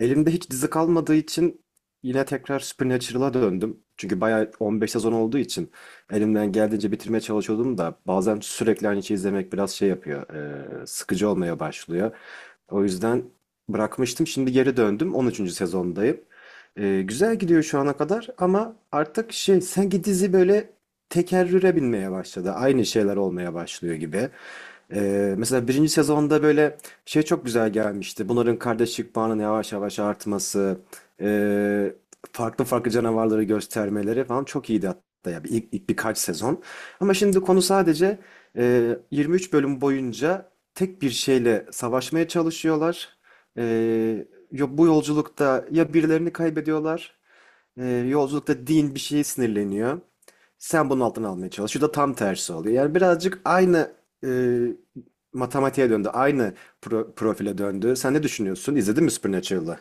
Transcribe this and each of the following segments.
Elimde hiç dizi kalmadığı için yine tekrar Supernatural'a döndüm. Çünkü bayağı 15 sezon olduğu için elimden geldiğince bitirmeye çalışıyordum da bazen sürekli aynı şeyi izlemek biraz şey yapıyor, sıkıcı olmaya başlıyor. O yüzden bırakmıştım. Şimdi geri döndüm. 13. sezondayım. Güzel gidiyor şu ana kadar ama artık şey sanki dizi böyle tekerrüre binmeye başladı. Aynı şeyler olmaya başlıyor gibi. Mesela birinci sezonda böyle şey çok güzel gelmişti. Bunların kardeşlik bağının yavaş yavaş artması, ee, farklı farklı canavarları göstermeleri falan çok iyiydi hatta ya bir, ilk birkaç sezon. Ama şimdi konu sadece 23 bölüm boyunca tek bir şeyle savaşmaya çalışıyorlar. Ee, bu yolculukta ya birilerini kaybediyorlar, yolculukta Dean bir şeye sinirleniyor. Sen bunun altını almaya çalış. Şu da tam tersi oluyor. Yani birazcık aynı e, matematiğe döndü. Aynı profile döndü. Sen ne düşünüyorsun? İzledin mi Supernatural'ı?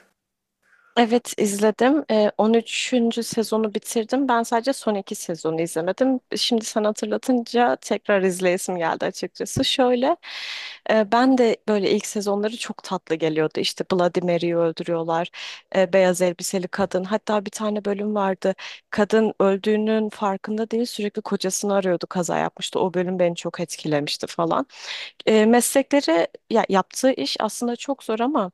Evet izledim. 13. sezonu bitirdim. Ben sadece son iki sezonu izlemedim. Şimdi sen hatırlatınca tekrar izleyesim geldi açıkçası. Şöyle ben de böyle ilk sezonları çok tatlı geliyordu. İşte Bloody Mary'yi öldürüyorlar. Beyaz elbiseli kadın. Hatta bir tane bölüm vardı. Kadın öldüğünün farkında değil sürekli kocasını arıyordu, kaza yapmıştı. O bölüm beni çok etkilemişti falan. Meslekleri ya, yaptığı iş aslında çok zor, ama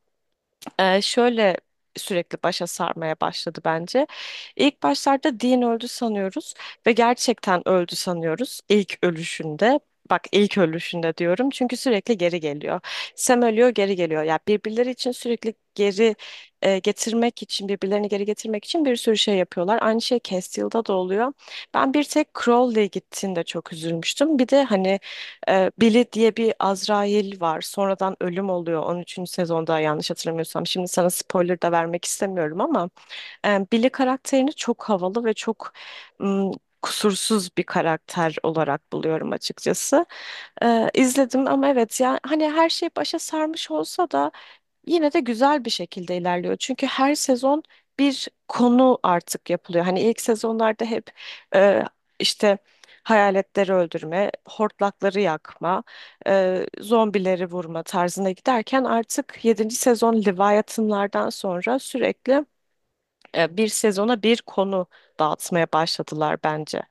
şöyle sürekli başa sarmaya başladı bence. İlk başlarda Dean öldü sanıyoruz ve gerçekten öldü sanıyoruz ilk ölüşünde. Bak, ilk ölüşünde diyorum çünkü sürekli geri geliyor. Sam ölüyor, geri geliyor. Ya birbirleri için sürekli geri getirmek için, birbirlerini geri getirmek için bir sürü şey yapıyorlar. Aynı şey Castiel'da da oluyor. Ben bir tek Crowley gittiğinde çok üzülmüştüm. Bir de hani Billy diye bir Azrail var. Sonradan ölüm oluyor. On üçüncü sezonda, yanlış hatırlamıyorsam. Şimdi sana spoiler da vermek istemiyorum ama Billy karakterini çok havalı ve çok ım, kusursuz bir karakter olarak buluyorum açıkçası. İzledim ama, evet, yani hani her şey başa sarmış olsa da yine de güzel bir şekilde ilerliyor. Çünkü her sezon bir konu artık yapılıyor. Hani ilk sezonlarda hep e, işte hayaletleri öldürme, hortlakları yakma, zombileri vurma tarzına giderken artık yedinci sezon Leviathan'lardan sonra sürekli bir sezona bir konu dağıtmaya başladılar bence.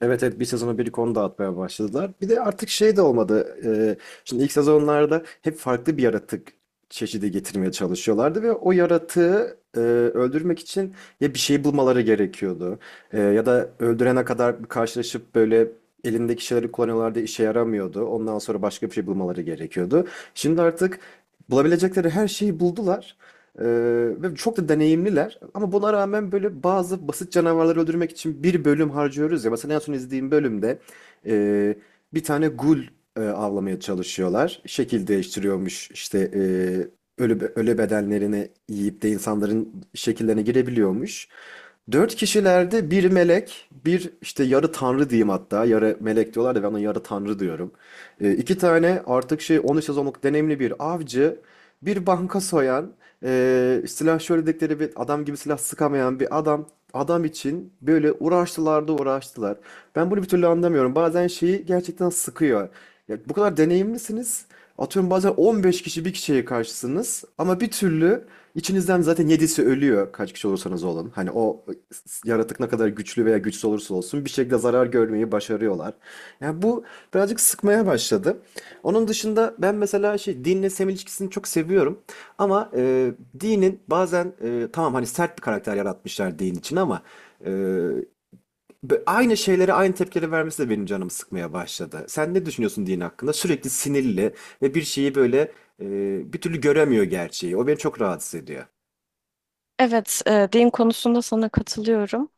Evet evet, bir sezonu bir konu dağıtmaya başladılar. Bir de artık şey de olmadı. Şimdi ilk sezonlarda hep farklı bir yaratık çeşidi getirmeye çalışıyorlardı ve o yaratığı öldürmek için ya bir şey bulmaları gerekiyordu. Ya da öldürene kadar bir karşılaşıp böyle elindeki şeyleri kullanıyorlardı, işe yaramıyordu. Ondan sonra başka bir şey bulmaları gerekiyordu. Şimdi artık bulabilecekleri her şeyi buldular. Ee, Ve çok da deneyimliler. Ama buna rağmen böyle bazı basit canavarları öldürmek için bir bölüm harcıyoruz ya. Mesela en son izlediğim bölümde e, bir tane gul avlamaya çalışıyorlar. Şekil değiştiriyormuş işte, ölü bedenlerini yiyip de insanların şekillerine girebiliyormuş. Dört kişilerde bir melek, bir işte yarı tanrı diyeyim hatta. Yarı melek diyorlar da ben ona yarı tanrı diyorum. İki tane artık şey 13 sezonluk deneyimli bir avcı, bir banka soyan, silah şöyle dedikleri bir adam gibi, silah sıkamayan bir adam. Adam için böyle uğraştılar da uğraştılar. Ben bunu bir türlü anlamıyorum. Bazen şeyi gerçekten sıkıyor. Ya, bu kadar deneyimlisiniz. Atıyorum bazen 15 kişi bir kişiye karşısınız ama bir türlü İçinizden zaten yedisi ölüyor, kaç kişi olursanız olun. Hani o yaratık ne kadar güçlü veya güçsüz olursa olsun bir şekilde zarar görmeyi başarıyorlar. Yani bu birazcık sıkmaya başladı. Onun dışında ben mesela şey, dinle Sam ilişkisini çok seviyorum. Ama Dean'in bazen, tamam hani sert bir karakter yaratmışlar Dean için ama e, aynı şeylere aynı tepkileri vermesi de benim canımı sıkmaya başladı. Sen ne düşünüyorsun Dean hakkında? Sürekli sinirli ve bir şeyi böyle bir türlü göremiyor gerçeği. O beni çok rahatsız ediyor. Evet, din konusunda sana katılıyorum.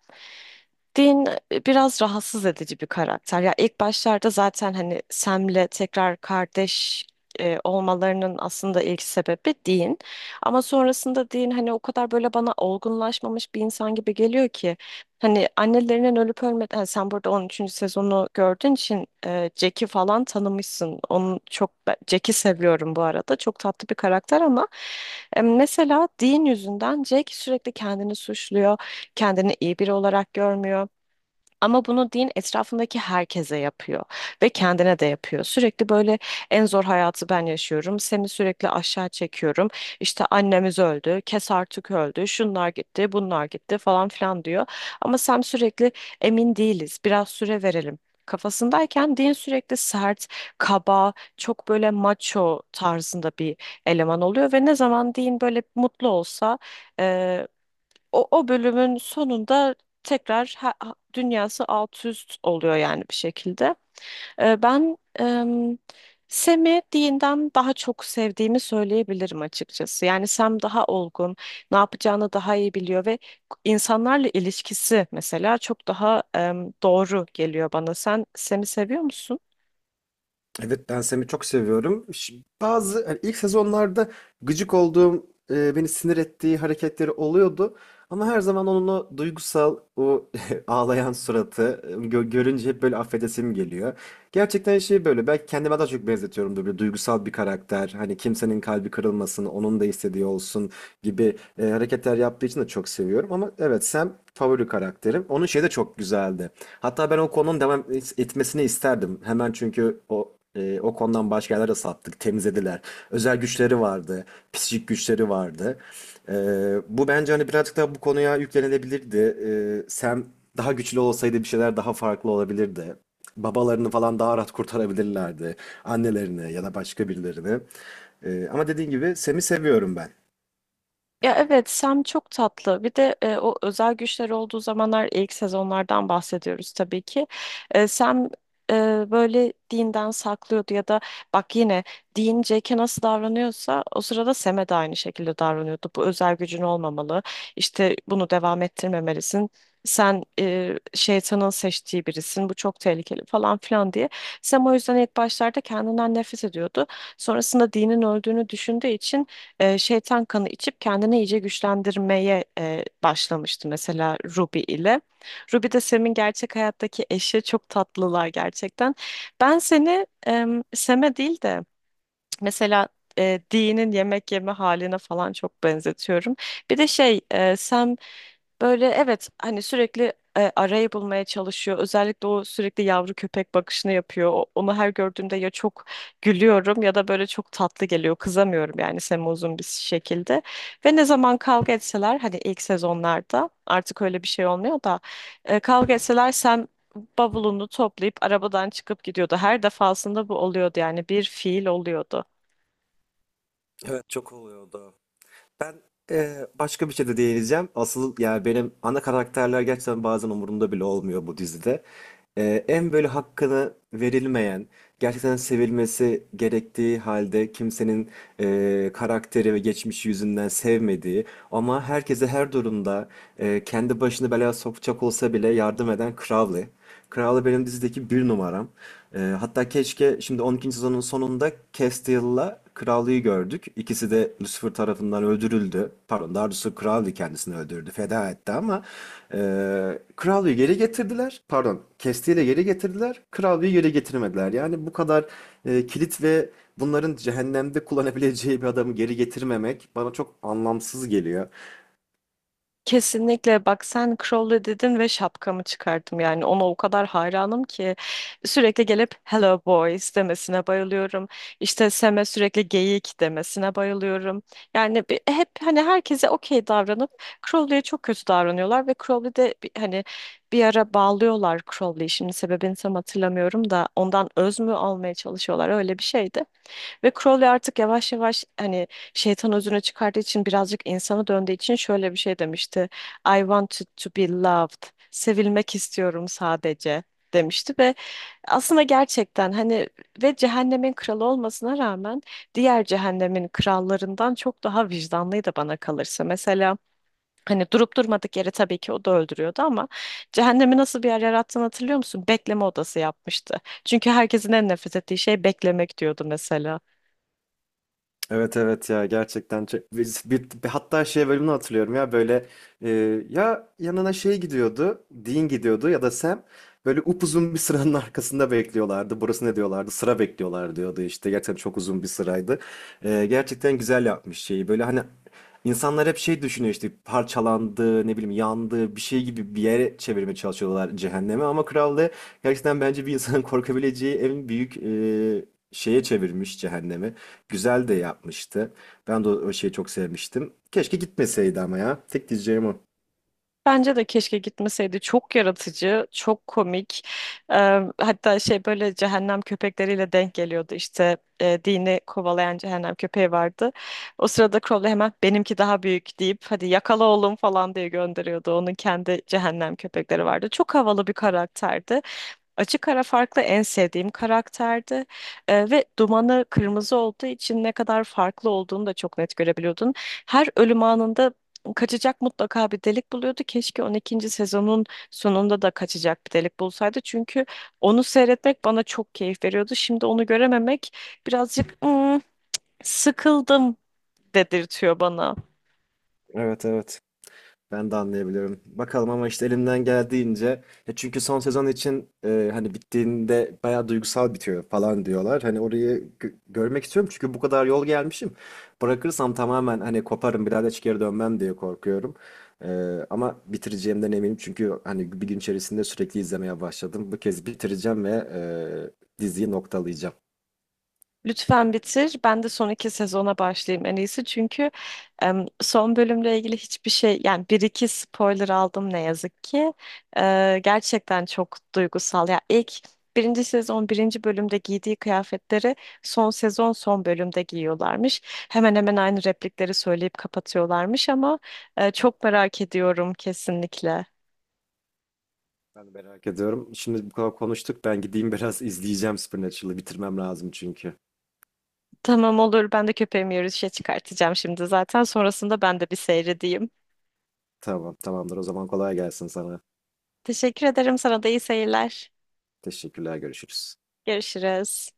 Dean biraz rahatsız edici bir karakter. Ya ilk başlarda zaten hani Sam'le tekrar kardeş olmalarının aslında ilk sebebi Dean. Ama sonrasında Dean hani o kadar böyle bana olgunlaşmamış bir insan gibi geliyor ki, hani annelerinin ölüp ölmeden, sen burada 13. sezonu gördüğün için Jack'i falan tanımışsın. Onu çok Jack'i seviyorum bu arada. Çok tatlı bir karakter ama mesela Dean yüzünden Jack sürekli kendini suçluyor. Kendini iyi biri olarak görmüyor. Ama bunu din etrafındaki herkese yapıyor ve kendine de yapıyor. Sürekli böyle en zor hayatı ben yaşıyorum, seni sürekli aşağı çekiyorum, İşte annemiz öldü, kes artık öldü, şunlar gitti, bunlar gitti falan filan diyor. Ama sen sürekli emin değiliz, biraz süre verelim kafasındayken din sürekli sert, kaba, çok böyle macho tarzında bir eleman oluyor ve ne zaman din böyle mutlu olsa e, o, o bölümün sonunda tekrar dünyası alt üst oluyor yani bir şekilde. Ben Sam'i Dean'den daha çok sevdiğimi söyleyebilirim açıkçası. Yani Sam daha olgun, ne yapacağını daha iyi biliyor ve insanlarla ilişkisi mesela çok daha doğru geliyor bana. Sen Sam'i seviyor musun? Evet, ben Sam'i çok seviyorum. Bazı hani ilk sezonlarda gıcık olduğum, beni sinir ettiği hareketleri oluyordu. Ama her zaman onun o duygusal, o ağlayan suratı görünce hep böyle affedesim geliyor. Gerçekten şey böyle, belki kendime daha çok benzetiyorum da, böyle duygusal bir karakter. Hani kimsenin kalbi kırılmasın, onun da istediği olsun gibi hareketler yaptığı için de çok seviyorum. Ama evet, Sam favori karakterim. Onun şeyi de çok güzeldi. Hatta ben o konunun devam etmesini isterdim. Hemen, çünkü o o konudan başka yerlere sattık, temizlediler. Özel güçleri vardı, psikik güçleri vardı. E, Bu bence hani birazcık daha bu konuya yüklenilebilirdi. Sam daha güçlü olsaydı bir şeyler daha farklı olabilirdi. Babalarını falan daha rahat kurtarabilirlerdi. Annelerini ya da başka birilerini. Ama dediğin gibi, Sam'i seviyorum ben. Ya, evet, Sam çok tatlı. Bir de o özel güçleri olduğu zamanlar, ilk sezonlardan bahsediyoruz tabii ki. Sam e, böyle Dean'den saklıyordu ya da, bak yine, Dean Jack'e nasıl davranıyorsa o sırada Sam'e de aynı şekilde davranıyordu. Bu özel gücün olmamalı, İşte bunu devam ettirmemelisin, sen şeytanın seçtiği birisin, bu çok tehlikeli falan filan diye. Sam o yüzden ilk başlarda kendinden nefret ediyordu. Sonrasında Dean'in öldüğünü düşündüğü için şeytan kanı içip kendini iyice güçlendirmeye başlamıştı mesela Ruby ile. Ruby de Sam'in gerçek hayattaki eşi, çok tatlılar gerçekten. Ben seni Sam'e değil de mesela Dee'nin yemek yeme haline falan çok benzetiyorum. Bir de şey, Sam böyle, evet, hani sürekli arayı bulmaya çalışıyor. Özellikle o sürekli yavru köpek bakışını yapıyor. Onu her gördüğümde ya çok gülüyorum ya da böyle çok tatlı geliyor. Kızamıyorum yani Sam'e uzun bir şekilde. Ve ne zaman kavga etseler, hani ilk sezonlarda artık öyle bir şey olmuyor da, kavga etseler Sam bavulunu toplayıp arabadan çıkıp gidiyordu. Her defasında bu oluyordu yani, bir fiil oluyordu. Evet, çok oluyor o da. Ben başka bir şey de değineceğim. Asıl yani benim ana karakterler gerçekten bazen umurumda bile olmuyor bu dizide. En böyle hakkını verilmeyen, gerçekten sevilmesi gerektiği halde kimsenin karakteri ve geçmişi yüzünden sevmediği ama herkese her durumda kendi başını belaya sokacak olsa bile yardım eden Crowley. Crowley benim dizideki bir numaram. Hatta keşke, şimdi on ikinci sezonun sonunda Castiel'la Crowley'i gördük. İkisi de Lucifer tarafından öldürüldü. Pardon, daha doğrusu Crowley kendisini öldürdü, feda etti ama e, Crowley'i geri getirdiler. Pardon, Castiel'i geri getirdiler. Crowley'i geri getirmediler. Yani bu kadar kilit ve bunların cehennemde kullanabileceği bir adamı geri getirmemek bana çok anlamsız geliyor. Kesinlikle, bak sen Crowley dedin ve şapkamı çıkardım, yani ona o kadar hayranım ki, sürekli gelip hello boys demesine bayılıyorum, işte Sam'e sürekli geyik demesine bayılıyorum. Yani hep hani herkese okey davranıp Crowley'e çok kötü davranıyorlar ve Crowley de hani bir ara bağlıyorlar Crowley'i, şimdi sebebini tam hatırlamıyorum da, ondan öz mü almaya çalışıyorlar, öyle bir şeydi. Ve Crowley artık yavaş yavaş, hani, şeytan özüne çıkardığı için, birazcık insana döndüğü için şöyle bir şey demişti: "I wanted to be loved. Sevilmek istiyorum sadece," demişti. Ve aslında gerçekten hani, ve cehennemin kralı olmasına rağmen, diğer cehennemin krallarından çok daha vicdanlıydı bana kalırsa. Mesela hani durup durmadık yere tabii ki o da öldürüyordu ama, cehennemi nasıl bir yer yarattığını hatırlıyor musun? Bekleme odası yapmıştı. Çünkü herkesin en nefret ettiği şey beklemek, diyordu mesela. Evet evet, ya gerçekten bir- hatta şey bölümünü hatırlıyorum ya, böyle e, ya yanına şey gidiyordu, Dean gidiyordu ya da Sam böyle upuzun bir sıranın arkasında bekliyorlardı, burası ne diyorlardı, sıra bekliyorlar diyordu, işte gerçekten çok uzun bir sıraydı. Gerçekten güzel yapmış şeyi, böyle hani insanlar hep şey düşünüyor, işte parçalandı, ne bileyim yandı bir şey gibi bir yere çevirmeye çalışıyorlar cehenneme, ama krallığı gerçekten bence bir insanın korkabileceği en büyük şeye çevirmiş cehennemi. Güzel de yapmıştı. Ben de o o şeyi çok sevmiştim. Keşke gitmeseydi ama ya. Tek diyeceğim o. Bence de keşke gitmeseydi. Çok yaratıcı, çok komik. Ee, hatta şey, böyle cehennem köpekleriyle denk geliyordu. İşte dini kovalayan cehennem köpeği vardı. O sırada Crowley hemen "Benimki daha büyük," deyip "Hadi yakala oğlum," falan diye gönderiyordu. Onun kendi cehennem köpekleri vardı. Çok havalı bir karakterdi. Açık ara farklı, en sevdiğim karakterdi. Ve dumanı kırmızı olduğu için ne kadar farklı olduğunu da çok net görebiliyordun. Her ölüm anında kaçacak mutlaka bir delik buluyordu. Keşke 12. sezonun sonunda da kaçacak bir delik bulsaydı. Çünkü onu seyretmek bana çok keyif veriyordu. Şimdi onu görememek birazcık "Hmm, sıkıldım," dedirtiyor bana. Evet evet. Ben de anlayabiliyorum. Bakalım ama, işte elimden geldiğince. Ya çünkü son sezon için hani bittiğinde bayağı duygusal bitiyor falan diyorlar. Hani orayı görmek istiyorum çünkü bu kadar yol gelmişim. Bırakırsam tamamen hani koparım bir daha da hiç geri dönmem diye korkuyorum. E, Ama bitireceğimden eminim çünkü hani bir gün içerisinde sürekli izlemeye başladım. Bu kez bitireceğim ve diziyi noktalayacağım. Lütfen bitir. Ben de son iki sezona başlayayım, en iyisi. Çünkü son bölümle ilgili hiçbir şey, yani bir iki spoiler aldım ne yazık ki. Gerçekten çok duygusal. Ya, ilk birinci sezon birinci bölümde giydiği kıyafetleri son sezon son bölümde giyiyorlarmış. Hemen hemen aynı replikleri söyleyip kapatıyorlarmış ama çok merak ediyorum kesinlikle. Ben de merak ediyorum. Şimdi bu kadar konuştuk. Ben gideyim biraz izleyeceğim Supernatural'ı. Bitirmem lazım çünkü. Tamam, olur. Ben de köpeğimi yürüyüşe çıkartacağım şimdi zaten. Sonrasında ben de bir seyredeyim. Tamam, tamamdır. O zaman kolay gelsin sana. Teşekkür ederim. Sana da iyi seyirler. Teşekkürler, görüşürüz. Görüşürüz.